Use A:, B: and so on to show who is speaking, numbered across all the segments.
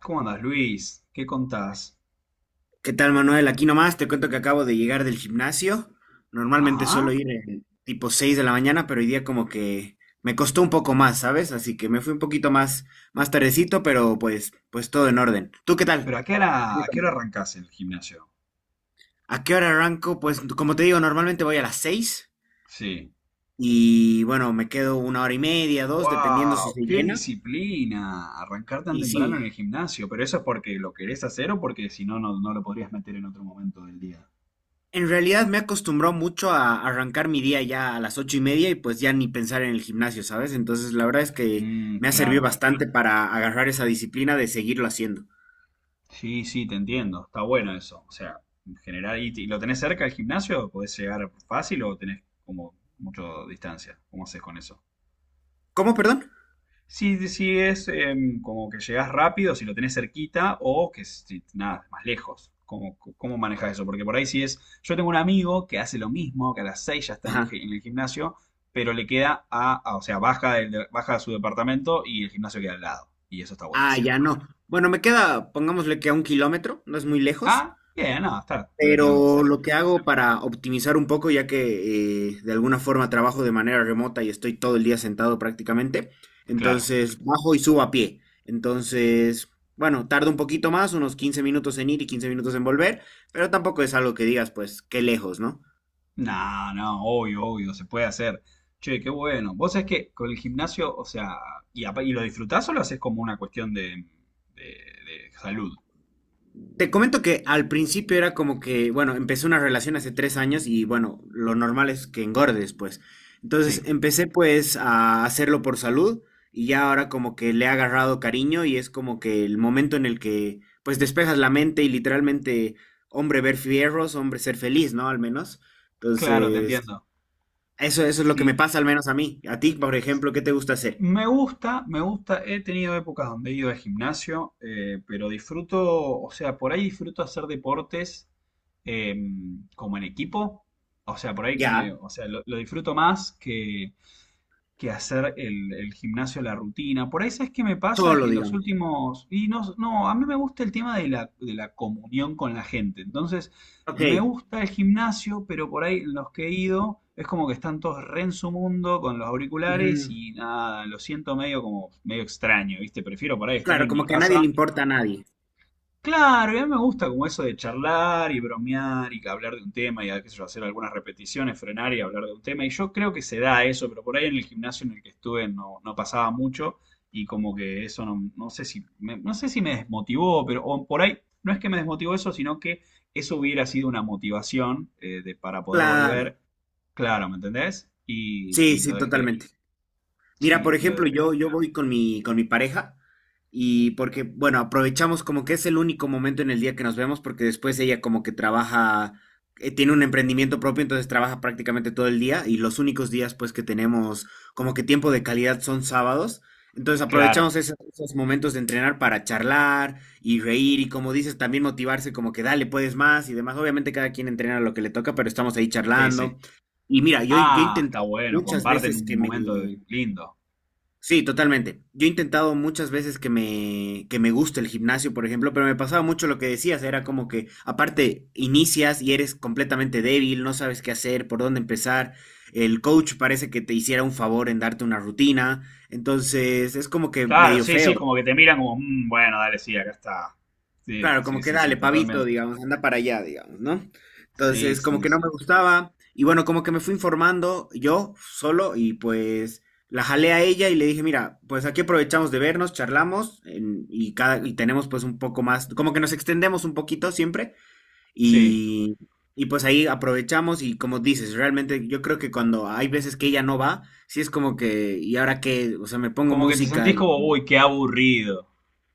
A: ¿Cómo andás, Luis? ¿Qué contás?
B: ¿Qué tal, Manuel? Aquí nomás te cuento que acabo de llegar del gimnasio. Normalmente suelo
A: Ajá.
B: ir en tipo 6 de la mañana, pero hoy día como que me costó un poco más, ¿sabes? Así que me fui un poquito más, más tardecito, pero pues todo en orden. ¿Tú qué
A: ¿Pero
B: tal?
A: a qué
B: ¿Qué
A: hora,
B: me
A: a qué hora
B: cuentas?
A: arrancás el gimnasio?
B: ¿A qué hora arranco? Pues como te digo, normalmente voy a las 6
A: Sí.
B: y bueno, me quedo una hora y media, dos, dependiendo si
A: ¡Wow!
B: se
A: ¡Qué
B: llena.
A: disciplina! Arrancar tan
B: Y
A: temprano en el
B: sí,
A: gimnasio. ¿Pero eso es porque lo querés hacer o porque si no, no, no lo podrías meter en otro momento del día?
B: en realidad me he acostumbrado mucho a arrancar mi día ya a las ocho y media y pues ya ni pensar en el gimnasio, ¿sabes? Entonces la verdad es que
A: Mm,
B: me ha servido
A: claro.
B: bastante para agarrar esa disciplina de seguirlo haciendo.
A: Sí, sí, te entiendo. Está bueno eso. O sea, en general, ¿y lo tenés cerca del gimnasio? ¿Podés llegar fácil o tenés como mucha distancia? ¿Cómo haces con eso?
B: ¿Cómo, perdón?
A: Si es como que llegas rápido, si lo tenés cerquita, o que si, nada, más lejos. ¿Cómo manejas eso? Porque por ahí si es. Yo tengo un amigo que hace lo mismo, que a las 6 ya está en el,
B: Ajá.
A: gi- en el gimnasio, pero le queda o sea, baja a su departamento y el gimnasio queda al lado. Y eso está
B: Ah,
A: buenísimo.
B: ya no. Bueno, me queda, pongámosle que a 1 kilómetro, no es muy lejos,
A: Ah, bien, no, está relativamente
B: pero
A: cerca.
B: lo que hago para optimizar un poco, ya que de alguna forma trabajo de manera remota y estoy todo el día sentado prácticamente,
A: Claro.
B: entonces bajo y subo a pie. Entonces, bueno, tarda un poquito más, unos 15 minutos en ir y 15 minutos en volver, pero tampoco es algo que digas, pues, qué lejos, ¿no?
A: No, no, obvio, obvio, se puede hacer. Che, qué bueno. Vos sabés que con el gimnasio, o sea, y lo disfrutás o lo haces como una cuestión de, de salud.
B: Te comento que al principio era como que, bueno, empecé una relación hace 3 años y bueno, lo normal es que engordes, pues. Entonces
A: Sí,
B: empecé pues a hacerlo por salud y ya ahora como que le he agarrado cariño y es como que el momento en el que pues despejas la mente y literalmente, hombre, ver fierros, hombre, ser feliz, ¿no? Al menos.
A: claro, te
B: Entonces,
A: entiendo.
B: eso es lo que me
A: Sí,
B: pasa al menos a mí. A ti, por ejemplo, ¿qué te gusta hacer?
A: me gusta, me gusta. He tenido épocas donde he ido al gimnasio, pero disfruto, o sea, por ahí disfruto hacer deportes eh, como en equipo. O sea, por ahí
B: Ya,
A: o sea, lo disfruto más que hacer el gimnasio, la rutina. Por ahí, ¿sabes qué me pasa?
B: solo,
A: Que los
B: digamos.
A: últimos. Y no, no, a mí me gusta el tema de la comunión con la gente. Entonces, me
B: Ok.
A: gusta el gimnasio, pero por ahí los que he ido es como que están todos re en su mundo con los auriculares
B: Ujú.
A: y nada, lo siento medio como medio extraño, ¿viste? Prefiero por ahí estar
B: Claro,
A: en mi
B: como que a nadie
A: casa.
B: le importa a nadie.
A: Claro, y a mí me gusta como eso de charlar y bromear y hablar de un tema y qué sé yo, hacer algunas repeticiones, frenar y hablar de un tema. Y yo creo que se da eso, pero por ahí en el gimnasio en el que estuve no, no pasaba mucho, y como que eso no, no sé si me desmotivó, pero o por ahí no es que me desmotivó eso, sino que eso hubiera sido una motivación para poder
B: Claro.
A: volver. Claro, ¿me entendés? Y,
B: Sí,
A: y lo
B: sí,
A: dejé.
B: totalmente. Mira,
A: Sí,
B: por
A: y lo
B: ejemplo,
A: dejé.
B: yo voy con mi pareja y porque, bueno, aprovechamos como que es el único momento en el día que nos vemos porque después ella como que trabaja, tiene un emprendimiento propio, entonces trabaja prácticamente todo el día y los únicos días pues que tenemos como que tiempo de calidad son sábados. Entonces
A: Claro,
B: aprovechamos esos momentos de entrenar para charlar y reír y como dices, también motivarse como que dale, puedes más y demás. Obviamente cada quien entrena lo que le toca, pero estamos ahí
A: sí, sí.
B: charlando. Y mira, yo
A: Ah,
B: intenté
A: está bueno,
B: muchas
A: comparten
B: veces
A: un
B: que me...
A: momento lindo.
B: Sí, totalmente. Yo he intentado muchas veces que me guste el gimnasio, por ejemplo, pero me pasaba mucho lo que decías, era como que aparte inicias y eres completamente débil, no sabes qué hacer, por dónde empezar, el coach parece que te hiciera un favor en darte una rutina, entonces es como que
A: Claro,
B: medio
A: sí, sí,
B: feo.
A: es como que te miran como, "Mm, bueno, dale, sí, acá está". Sí,
B: Claro, como
A: sí,
B: que
A: sí, sí,
B: dale, pavito,
A: totalmente.
B: digamos, anda para allá, digamos, ¿no?
A: Sí,
B: Entonces, como
A: sí,
B: que no me
A: sí.
B: gustaba, y bueno, como que me fui informando yo solo, y pues la jalé a ella y le dije, mira, pues aquí aprovechamos de vernos, charlamos, en- y cada, y tenemos pues un poco más, como que nos extendemos un poquito siempre,
A: Sí.
B: y, y pues ahí aprovechamos, y como dices, realmente yo creo que cuando hay veces que ella no va, sí es como que, ¿y ahora qué? O sea, me pongo
A: Como que te
B: música.
A: sentís como, uy, qué aburrido.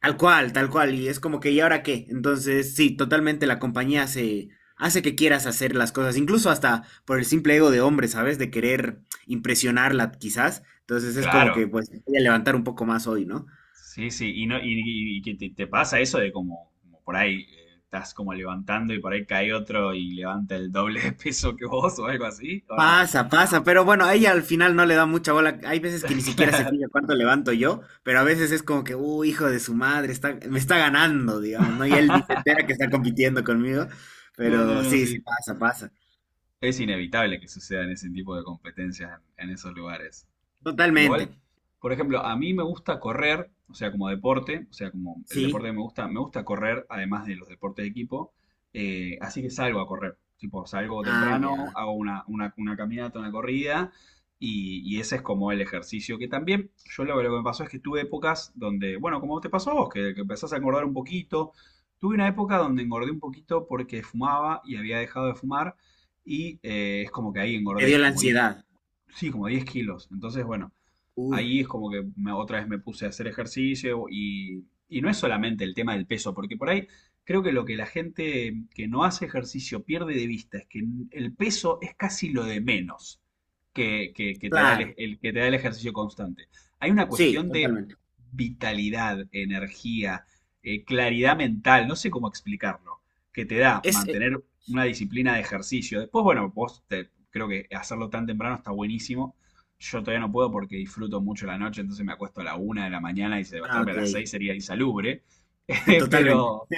B: Tal cual, y es como que, ¿y ahora qué? Entonces, sí, totalmente la compañía hace, hace que quieras hacer las cosas, incluso hasta por el simple ego de hombre, ¿sabes? De querer impresionarla, quizás. Entonces es como
A: Claro.
B: que, pues, voy a levantar un poco más hoy, ¿no?
A: Sí, sí. Y no, y que te pasa eso de como por ahí estás como levantando y por ahí cae otro y levanta el doble de peso que vos o algo así, ¿o no?
B: Pasa, pasa, pero bueno, a ella al final no le da mucha bola. Hay veces que ni siquiera se
A: Claro.
B: fija cuánto levanto yo, pero a veces es como que, hijo de su madre, está, me está ganando, digamos, ¿no? Y él ni se entera que está compitiendo conmigo,
A: No, no,
B: pero
A: no,
B: sí, sí,
A: sí.
B: pasa, pasa.
A: Es inevitable que sucedan ese tipo de competencias en esos lugares.
B: Totalmente,
A: Igual, por ejemplo, a mí me gusta correr, o sea, como deporte, o sea, como el deporte
B: sí.
A: que me gusta correr, además de los deportes de equipo, así que salgo a correr. Tipo, salgo
B: Ah,
A: temprano,
B: ya.
A: hago una caminata, una corrida, y ese es como el ejercicio que también, lo que me pasó es que tuve épocas donde, bueno, como te pasó a vos, que empezás a engordar un poquito, tuve una época donde engordé un poquito porque fumaba y había dejado de fumar, y es como que ahí
B: Te
A: engordé,
B: dio la
A: como 10,
B: ansiedad.
A: sí, como 10 kilos. Entonces, bueno,
B: Uy,
A: ahí es como que otra vez me puse a hacer ejercicio y, no es solamente el tema del peso, porque por ahí creo que lo que la gente que no hace ejercicio pierde de vista es que el peso es casi lo de menos
B: claro.
A: que te da el ejercicio constante. Hay una
B: Sí,
A: cuestión de
B: totalmente.
A: vitalidad, energía, claridad mental, no sé cómo explicarlo, que te da
B: Es,
A: mantener una disciplina de ejercicio. Después, bueno, creo que hacerlo tan temprano está buenísimo. Yo todavía no puedo porque disfruto mucho la noche, entonces me acuesto a la 1 de la mañana y
B: ah,
A: levantarme a
B: ok.
A: las 6 sería insalubre. Eh,
B: Totalmente,
A: Pero,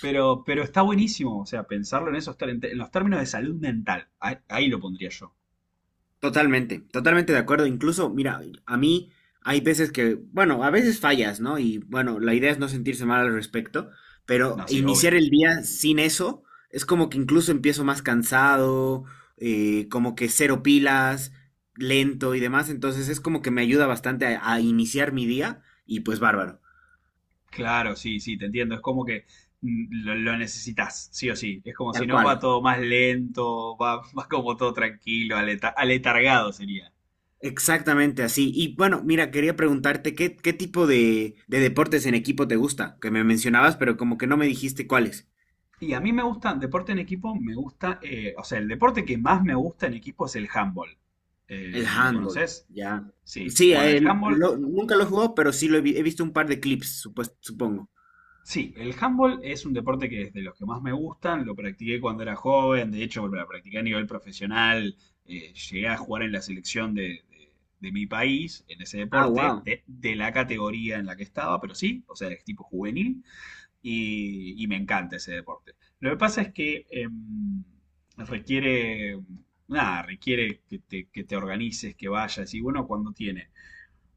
A: pero está buenísimo, o sea, pensarlo en esos, en los términos de salud mental. Ahí lo pondría yo.
B: totalmente, totalmente de acuerdo. Incluso, mira, a mí hay veces que, bueno, a veces fallas, ¿no? Y bueno, la idea es no sentirse mal al respecto, pero
A: No, sí, obvio.
B: iniciar el día sin eso es como que incluso empiezo más cansado, como que cero pilas, lento y demás. Entonces es como que me ayuda bastante a iniciar mi día y pues bárbaro.
A: Claro, sí, sí, te entiendo. Es como que lo necesitas, sí o sí. Es como si
B: Tal
A: no, va
B: cual.
A: todo más lento, va, va como todo tranquilo, aletargado sería.
B: Exactamente así. Y bueno, mira, quería preguntarte qué, qué tipo de deportes en equipo te gusta, que me mencionabas, pero como que no me dijiste cuáles.
A: Y a mí me gusta, deporte en equipo, me gusta, o sea, el deporte que más me gusta en equipo es el handball.
B: El
A: ¿Lo
B: handball,
A: conoces?
B: ya.
A: Sí.
B: Sí, a
A: Bueno, el handball,
B: lo- nunca lo he jugado, pero sí lo he, vi- he visto un par de clips, supues- supongo.
A: sí, el handball es un deporte que es de los que más me gustan, lo practiqué cuando era joven, de hecho, lo practiqué a nivel profesional, llegué a jugar en la selección de, de mi país, en ese
B: Ah,
A: deporte,
B: wow.
A: de la categoría en la que estaba, pero sí, o sea, es tipo juvenil. Y me encanta ese deporte. Lo que pasa es que requiere, nada, requiere que te organices, que vayas y bueno, cuando tiene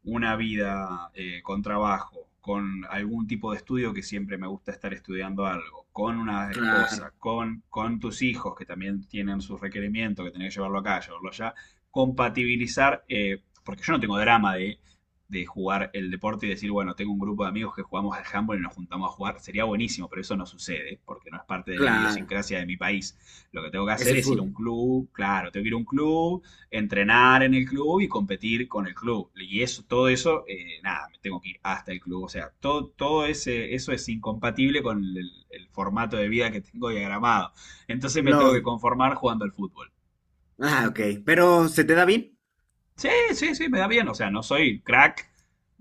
A: una vida con trabajo, con algún tipo de estudio que siempre me gusta estar estudiando algo, con una
B: Claro,
A: esposa, con tus hijos que también tienen sus requerimientos, que tenés que llevarlo acá, llevarlo allá, compatibilizar, porque yo no tengo drama de jugar el deporte y decir, bueno, tengo un grupo de amigos que jugamos al handball y nos juntamos a jugar, sería buenísimo, pero eso no sucede, porque no es parte de la
B: claro.
A: idiosincrasia de mi país. Lo que tengo que
B: Es
A: hacer
B: el
A: es ir a un
B: fútbol.
A: club, claro, tengo que ir a un club, entrenar en el club y competir con el club. Y eso, todo eso, nada, me tengo que ir hasta el club. O sea, todo, todo ese, eso es incompatible con el formato de vida que tengo diagramado. Entonces me tengo que
B: Lógico.
A: conformar jugando al fútbol.
B: Ah, ok. Pero, ¿se te da bien?
A: Sí, sí, sí, me da bien. O sea, no soy crack,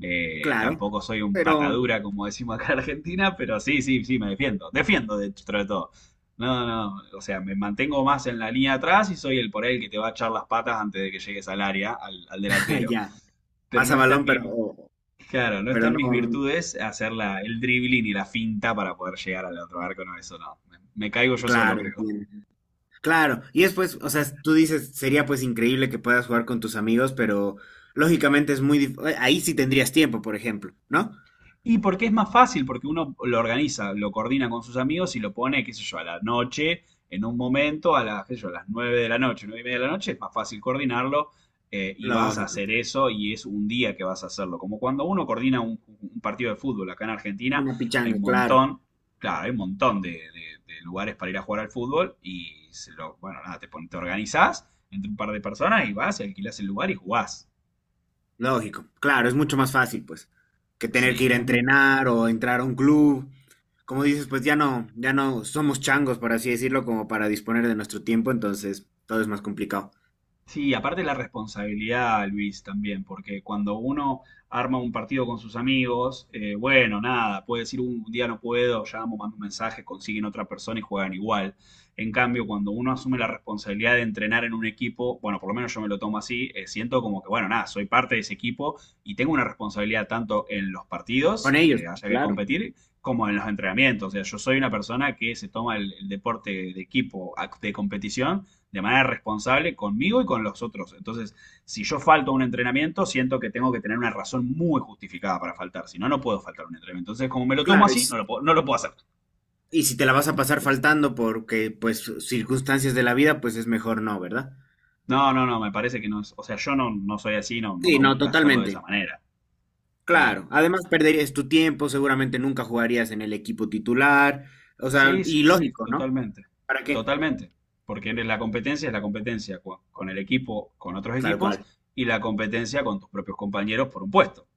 B: Claro.
A: tampoco soy un
B: Pero,
A: patadura, como decimos acá en Argentina, pero sí, sí, sí, me defiendo. Defiendo dentro de todo. No, no, o sea, me mantengo más en la línea de atrás y soy el por ahí el que te va a echar las patas antes de que llegues al área, al delantero.
B: ya.
A: Pero no
B: Pasa
A: está en
B: balón,
A: mi, claro, no está
B: pero
A: en
B: no.
A: mis virtudes hacer el dribbling y la finta para poder llegar al otro arco, no, eso no. Me caigo yo solo,
B: Claro,
A: creo.
B: entiendo. Claro, y es pues, o sea, tú dices, sería pues increíble que puedas jugar con tus amigos, pero lógicamente es muy dif- ahí sí tendrías tiempo, por ejemplo, ¿no?
A: Y porque es más fácil, porque uno lo organiza, lo coordina con sus amigos y lo pone, qué sé yo, a la noche, en un momento, a las, qué sé yo, a las 9 de la noche, 9:30 de la noche, es más fácil coordinarlo y vas a
B: Lógico.
A: hacer eso y es un día que vas a hacerlo. Como cuando uno coordina un partido de fútbol, acá en Argentina
B: Una
A: hay un
B: pichanga, claro.
A: montón, claro, hay un montón de, de lugares para ir a jugar al fútbol y se lo, bueno, nada, te organizás entre un par de personas y vas y alquilás el lugar y jugás.
B: Lógico. Claro, es mucho más fácil, pues, que tener que
A: Sí,
B: ir a
A: es.
B: entrenar o entrar a un club. Como dices, pues ya no, ya no somos changos, por así decirlo, como para disponer de nuestro tiempo, entonces todo es más complicado.
A: Sí, aparte la responsabilidad, Luis, también, porque cuando uno arma un partido con sus amigos, bueno, nada, puede decir un día no puedo, llamo, mando un mensaje, consiguen otra persona y juegan igual". En cambio, cuando uno asume la responsabilidad de entrenar en un equipo, bueno, por lo menos yo me lo tomo así, siento como que, bueno, nada, soy parte de ese equipo y tengo una responsabilidad tanto en los
B: Con
A: partidos,
B: ellos,
A: que haya que
B: claro.
A: competir, como en los entrenamientos. O sea, yo soy una persona que se toma el deporte de equipo, de competición de manera responsable conmigo y con los otros. Entonces, si yo falto a un entrenamiento, siento que tengo que tener una razón muy justificada para faltar. Si no, no puedo faltar a un entrenamiento. Entonces, como me lo tomo
B: Claro, y,
A: así,
B: s-
A: no lo puedo, no lo puedo hacer.
B: y si te la vas a pasar faltando porque, pues, circunstancias de la vida, pues es mejor no, ¿verdad?
A: No, no, no, me parece que no es. O sea, yo no, no soy así, no, no
B: Sí,
A: me
B: no,
A: gusta hacerlo de
B: totalmente.
A: esa manera. Claro.
B: Claro. Además, perderías tu tiempo, seguramente nunca jugarías en el equipo titular. O sea,
A: Sí,
B: y
A: sí, sí,
B: lógico, ¿no?
A: totalmente.
B: ¿Para qué?
A: Totalmente. Porque eres la competencia es la competencia con el equipo, con otros
B: Tal
A: equipos,
B: cual.
A: y la competencia con tus propios compañeros por un puesto.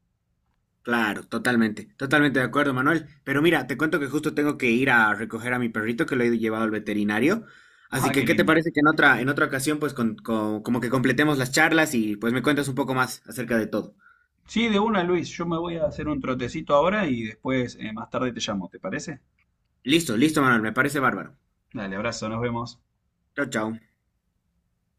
B: Claro, totalmente. Totalmente de acuerdo, Manuel. Pero mira, te cuento que justo tengo que ir a recoger a mi perrito que lo he llevado al veterinario. Así
A: Ah,
B: que,
A: qué
B: ¿qué te
A: lindo.
B: parece que en otra ocasión, pues, con- como que completemos las charlas y pues me cuentas un poco más acerca de todo?
A: Sí, de una, Luis. Yo me voy a hacer un trotecito ahora y después, más tarde te llamo, ¿te parece?
B: Listo, listo, Manuel. Me parece bárbaro.
A: Dale, abrazo, nos vemos.
B: Chao, chao.